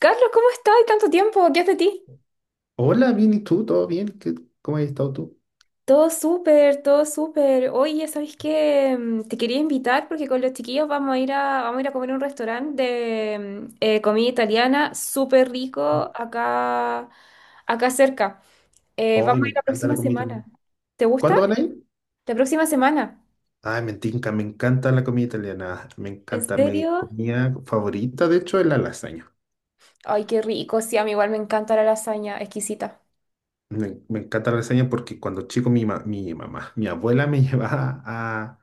Carlos, ¿cómo estás? ¿Tanto tiempo? ¿Qué es de ti? Hola, bien, ¿y tú? ¿Todo bien? ¿Cómo has estado tú? Todo súper, todo súper. Oye, ¿sabes qué? Te quería invitar porque con los chiquillos vamos a ir a comer a un restaurante de comida italiana súper rico acá, acá cerca. Hoy Vamos a me ir la encanta la próxima comida italiana. semana. ¿Te gusta? ¿Cuándo van a ir? La próxima semana. Ay, me tinca, me encanta la comida italiana. Me ¿En encanta, mi serio? comida favorita, de hecho, es la lasaña. Ay, qué rico. Sí, a mí igual me encanta la lasaña, exquisita. Me encanta la lasaña porque cuando chico mi mamá, mi abuela me llevaba a,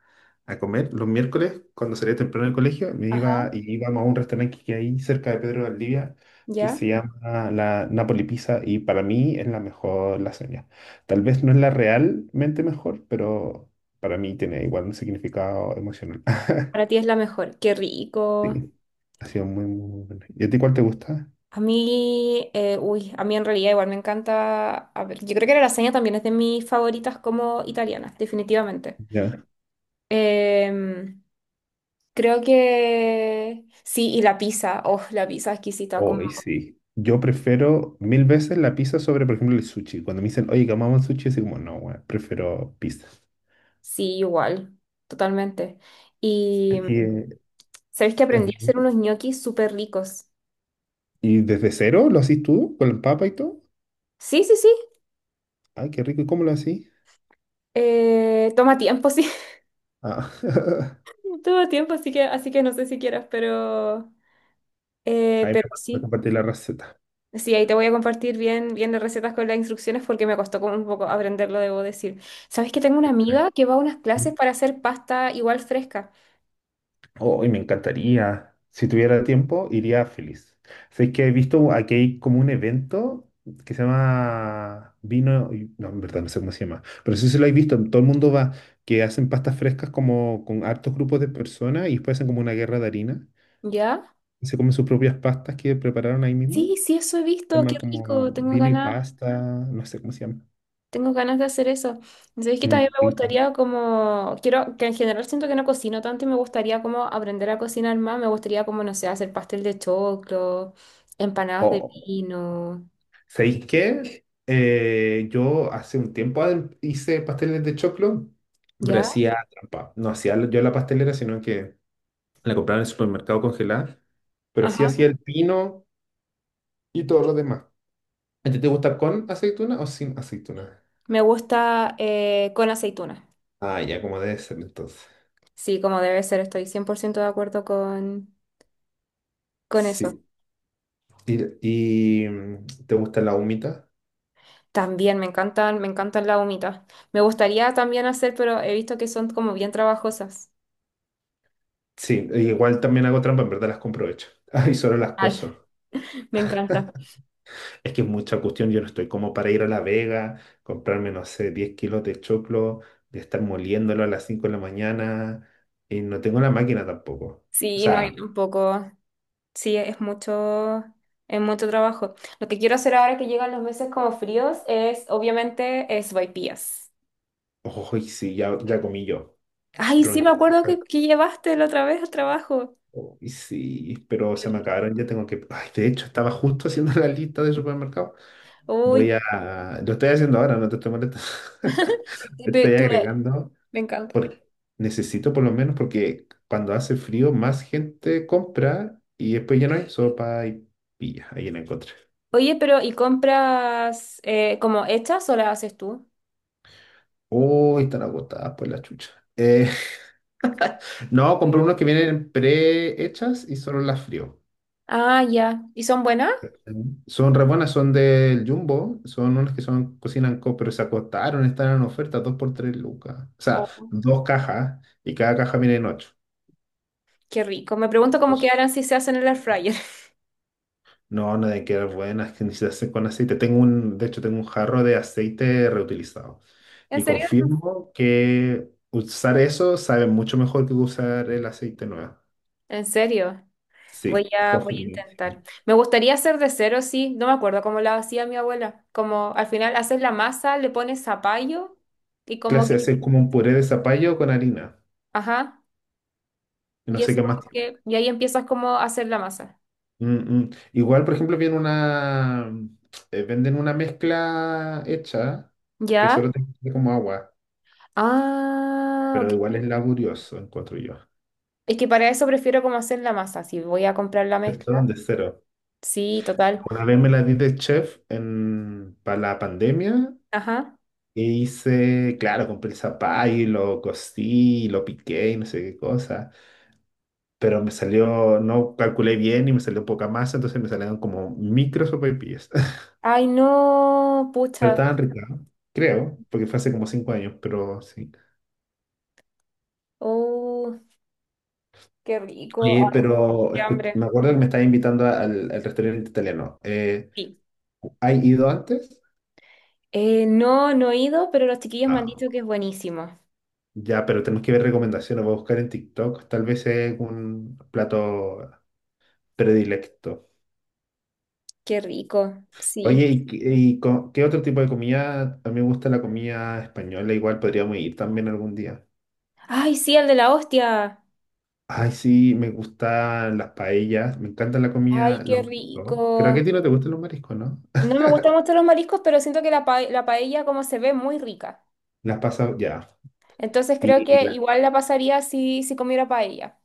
a comer los miércoles, cuando salía temprano del colegio, me Ajá. iba y íbamos a un restaurante que hay cerca de Pedro de Valdivia que ¿Ya? se llama la Napoli Pizza y para mí es la mejor lasaña. Tal vez no es la realmente mejor, pero para mí tiene igual un significado emocional. Para ti es la mejor. Qué rico. Sí, ha sido muy, muy bueno. ¿Y a ti cuál te gusta? A mí, uy, a mí en realidad igual me encanta. A ver, yo creo que la lasaña también es de mis favoritas como italianas, definitivamente. Ya. Em, Creo que sí, y la pizza, oh, la pizza exquisita, como Hoy sí. Yo prefiero mil veces la pizza sobre, por ejemplo, el sushi. Cuando me dicen, oye, comamos sushi, así como, no, weón, prefiero pizza. sí, igual, totalmente. Y Es que sabéis que es aprendí a bu- hacer unos ñoquis súper ricos. ¿Y desde cero lo haces tú? ¿Con el papa y todo? Sí, sí, sí. Ay, qué rico. ¿Y cómo lo haces? Toma tiempo, sí, Ah. toma tiempo, así que no sé si quieras, Ahí pero me vas a sí. compartir la receta. Sí, ahí te voy a compartir bien, bien las recetas con las instrucciones porque me costó como un poco aprenderlo, debo decir. ¿Sabes que tengo una amiga que va a unas clases para hacer pasta igual fresca? Hoy me encantaría. Si tuviera tiempo, iría feliz. Sé que he visto aquí hay como un evento que se llama vino, no, en verdad no sé cómo se llama, pero sí se lo he visto. Todo el mundo va, que hacen pastas frescas como con hartos grupos de personas y después hacen como una guerra de harina. ¿Ya? Y se comen sus propias pastas que prepararon ahí mismo. Sí, sí, eso he Se visto, qué llama como rico, vino y pasta, no sé cómo se llama. tengo ganas de hacer eso. ¿Sabes que también me Mm, gustaría como, quiero, que en general siento que no cocino tanto y me gustaría como aprender a cocinar más, me gustaría como, no sé, hacer pastel de choclo, empanadas de mm. pino, ¿Sabéis qué? Yo hace un tiempo hice pasteles de choclo, pero ¿ya? hacía trampa. No hacía yo la pastelera, sino que la compraba en el supermercado congelada, pero sí Ajá. hacía el pino y todo lo demás. ¿A ti te gusta con aceituna o sin aceituna? Me gusta con aceituna. Ah, ya, como debe ser entonces. Sí, como debe ser, estoy 100% de acuerdo con eso. Sí. ¿Y, te gusta la humita? También me encantan las humitas. Me gustaría también hacer, pero he visto que son como bien trabajosas. Sí, e igual también hago trampa, en verdad las compro hechas. Y solo las Ay, cuezo. me encanta. Es que es mucha cuestión, yo no estoy como para ir a La Vega, comprarme, no sé, 10 kilos de choclo, de estar moliéndolo a las 5 de la mañana, y no tengo la máquina tampoco. O Sí, no sea, hay tampoco. Sí, es mucho trabajo. Lo que quiero hacer ahora que llegan los meses como fríos es, obviamente, es sopaipillas. ojo, y sí, ya, ya comí yo, Ay, pero sí, en me casa acuerdo estoy, que llevaste la otra vez al trabajo. oh, y sí, pero se me acabaron, ya tengo que... Ay, de hecho, estaba justo haciendo la lista de supermercado. Voy Uy, a... Lo estoy haciendo ahora, no te estoy molestando. y pe- Estoy tú la- agregando me encanta. por- necesito por lo menos porque cuando hace frío más gente compra y después ya no hay sopa y pilla, ahí la encontré. Oye, pero ¿y compras como hechas o las haces tú? Uy, están agotadas por la chucha. Eh, no, compré unos que vienen prehechas y solo las frío. Ah, ya. ¿Y son buenas? Mm. Son re buenas, son del Jumbo, son unas que son cocinan co, pero se acotaron, están en oferta, dos por tres lucas. O sea, Oh, dos cajas y cada caja viene en ocho. qué rico. Me pregunto cómo quedarán si se hacen en el air fryer. No, no de quedar buenas, que ni se hace con aceite. Tengo un, de hecho, tengo un jarro de aceite reutilizado. ¿En Y serio? confirmo que usar eso sabe mucho mejor que usar el aceite nuevo. ¿En serio? Voy Sí, a, voy a confirmísimo. intentar. Me gustaría hacer de cero, sí. No me acuerdo cómo la hacía mi abuela. Como al final haces la masa, le pones zapallo y como Clase de que, hacer como un puré de zapallo con harina. ajá. Y no Y sé eso qué más como tiene. que, y ahí empiezas como a hacer la masa. Mm, mm. Igual, por ejemplo, viene una, venden una mezcla hecha que ¿Ya? solo te queda como agua, Ah, pero igual ok. es laborioso, encuentro yo. Es que para eso prefiero como hacer la masa. Si voy a comprar la ¿Cierto? De mezcla. cero. Sí, total. Una vez me la di de chef en, para la pandemia Ajá. y hice, claro, compré el zapallo y lo cocí, y lo piqué y no sé qué cosa, pero me salió, no calculé bien y me salió poca masa, entonces me salieron como micro sopaipillas. Ay, no, Pero pucha. estaban ricas, creo, porque fue hace como 5 años, pero sí. Oh, qué rico. Oye, Ay, pero qué me hambre. acuerdo que me estaba invitando al, al restaurante italiano. Sí. ¿Hay ido antes? No, no he ido, pero los chiquillos me han No. dicho que es buenísimo. Ya, pero tenemos que ver recomendaciones. Voy a buscar en TikTok. Tal vez es un plato predilecto. Qué rico, Oye, sí. ¿Qué otro tipo de comida? A mí me gusta la comida española, igual podríamos ir también algún día. Ay, sí, el de la hostia. Ay, sí, me gustan las paellas, me encanta la Ay, comida, los qué mariscos. Creo que rico. a ti no te gustan los mariscos, ¿no? No me gustan mucho los mariscos, pero siento que la, pa- la paella como se ve muy rica. Las pasas, ya. Entonces creo Y que las, igual la pasaría si, si comiera paella.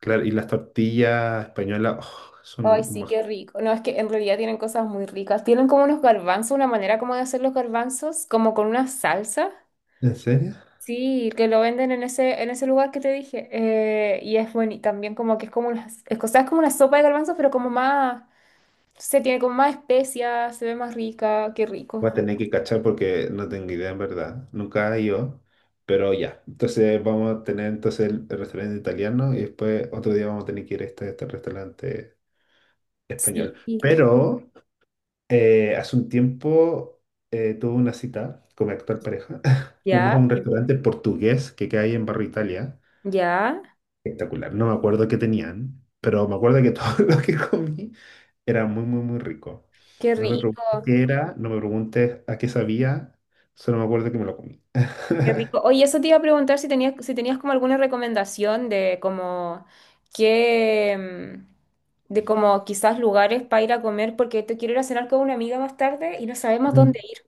claro, y las tortillas españolas, oh, Ay, son un sí, maj- qué rico. No, es que en realidad tienen cosas muy ricas. Tienen como unos garbanzos, una manera como de hacer los garbanzos, como con una salsa. ¿En serio? Sí, que lo venden en ese lugar que te dije. Y es bueno, y también como que es como una, es, cosa- es como una sopa de garbanzos, pero como más, se tiene como más especias, se ve más rica, qué rico. Voy a tener que cachar porque no tengo idea en verdad. Nunca he ido, pero ya. Entonces vamos a tener entonces el restaurante italiano y después otro día vamos a tener que ir a este, este restaurante Sí, español. Pero hace un tiempo tuve una cita con mi actual pareja. Fuimos a ya, un restaurante portugués que queda ahí en Barrio Italia. ya, Espectacular. No me acuerdo qué tenían, pero me acuerdo que todo lo que comí era muy, muy, muy rico. qué No me rico. preguntes qué era, no me preguntes a qué sabía, solo me acuerdo que me lo comí. Qué rico. Oye, eso te iba a preguntar si tenías, si tenías como alguna recomendación de como qué, de como quizás lugares para ir a comer, porque te quiero ir a cenar con una amiga más tarde y no sabemos dónde ir.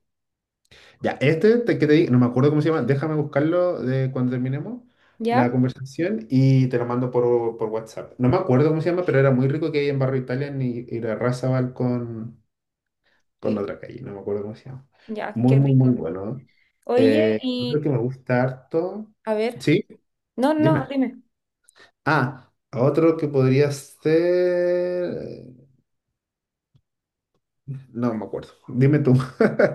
Ya, este te, que te di- no me acuerdo cómo se llama, déjame buscarlo de cuando terminemos la ¿Ya? conversación y te lo mando por WhatsApp. No me acuerdo cómo se llama, pero era muy rico que hay en Barrio Italia y la Razabal con la otra calle, no me acuerdo cómo se llama. Ya, qué Muy, muy, muy rico. bueno. Oye, Otro y que me gusta harto. a ver, Sí, no, no, dime. dime. Ah, otro que podría ser. No me acuerdo. Dime tú.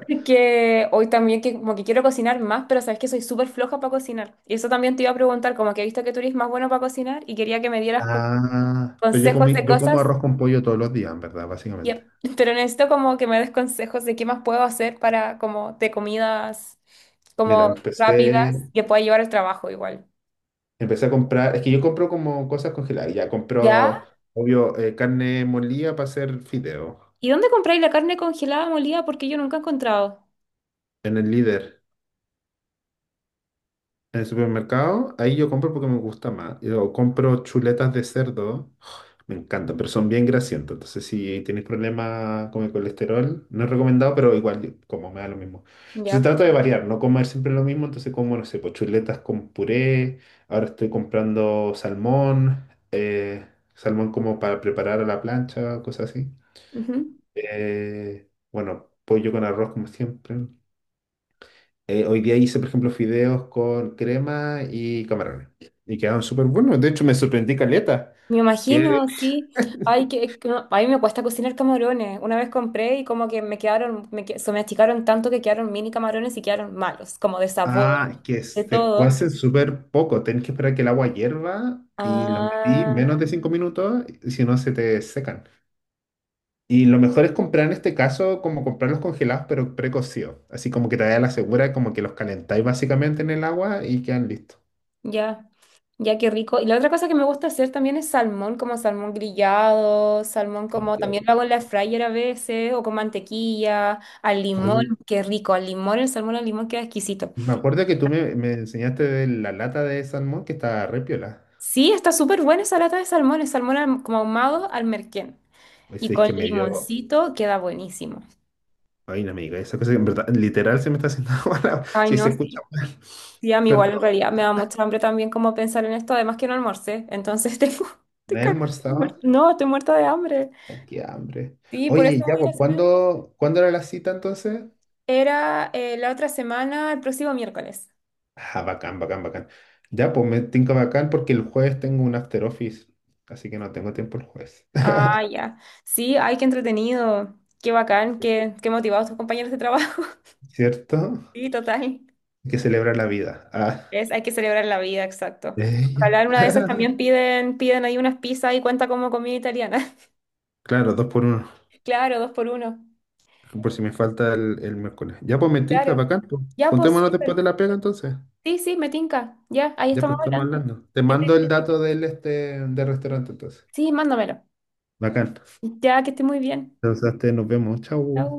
Que hoy también que como que quiero cocinar más, pero sabes que soy súper floja para cocinar. Y eso también te iba a preguntar, como que he visto que tú eres más bueno para cocinar y quería que me dieras como Ah, pero yo consejos comí, de yo como cosas. arroz con pollo todos los días, en verdad, básicamente. Yep. Pero necesito como que me des consejos de qué más puedo hacer para como de comidas Mira, como empecé, rápidas que pueda llevar al trabajo igual. empecé a comprar, es que yo compro como cosas congeladas, ya ¿Ya? compro, obvio, carne molida para hacer fideo ¿Y dónde compráis la carne congelada molida? Porque yo nunca he encontrado. en el Líder, en el supermercado, ahí yo compro porque me gusta más. Yo compro chuletas de cerdo. Me encantan, pero son bien grasientos. Entonces, si tienes problemas con el colesterol, no es recomendado, pero igual yo como me da lo mismo. Entonces, Ya. trato de variar, no comer siempre lo mismo. Entonces, como, no sé, pues chuletas con puré. Ahora estoy comprando salmón, salmón como para preparar a la plancha, cosas así. Ujú. Bueno, pollo con arroz, como siempre. Hoy día hice, por ejemplo, fideos con crema y camarones. Y quedaron súper buenos. De hecho, me sorprendí caleta. Me Que imagino, sí. Ay, que no- a mí me cuesta cocinar camarones. Una vez compré y como que me quedaron, me, que- se me achicaron tanto que quedaron mini camarones y quedaron malos, como de ah, sabor, es que de se todo. cuece súper poco. Tenés que esperar que el agua hierva y los metí Ah. menos de 5 minutos, y si no se te secan. Y lo mejor es comprar en este caso, como comprarlos congelados, pero precocidos. Así como que te da la segura, como que los calentáis básicamente en el agua y quedan listos. Ya, ya qué rico. Y la otra cosa que me gusta hacer también es salmón, como salmón grillado, salmón Ah, como qué también lo rico. hago en la fryer a veces, o con mantequilla, al limón, Oye, qué rico, al limón, el salmón al limón queda exquisito. me acuerdo que tú me, me enseñaste de la lata de salmón que estaba re piola. Sí, está súper buena esa lata de salmón, el salmón ahum- como ahumado al merquén. Oye, Y si es con que me dio. limoncito queda buenísimo. Ay, no me digas esa cosa que en verdad, literal se me está haciendo agua. La- Ay, Si se no, escucha sí. mal. Sí, a mí Perdón, igual en realidad me da mucha hambre también como pensar en esto, además que no almorcé, entonces tengo... estoy no he cagada, almorzado. muerta- No, estoy muerta de hambre. Ay, qué hambre. Sí, por eso Oye, ya, voy a ir a pues, hacer. ¿cuándo, cuándo era la cita entonces? Era la otra semana, el próximo miércoles. Ah, bacán, bacán, bacán. Ya, pues me tinca bacán porque el jueves tengo un after office, así que no tengo tiempo el jueves. Ah, ya. Sí, ay, qué entretenido. Qué bacán, qué, qué motivados tus compañeros de trabajo. ¿Cierto? Sí, total. Hay que celebrar la vida. Ah, Es, hay que celebrar la vida, exacto. ella. Ojalá en una de esas también piden, piden ahí unas pizzas y cuenta como comida italiana. Claro, dos por uno, Claro, dos por uno. por si me falta el miércoles. Ya, pues me tinca Claro. bacán. Pues. Ya, pues, Juntémonos después súper. de la pega entonces. Sí, sí, me tinca. Ya, ahí Ya, estamos pues estamos hablando. hablando. Te Que mando el esté- dato del este del restaurante entonces. Sí, mándamelo. Bacán. Ya, que esté muy bien. Entonces, este, nos vemos. Chau. Chau.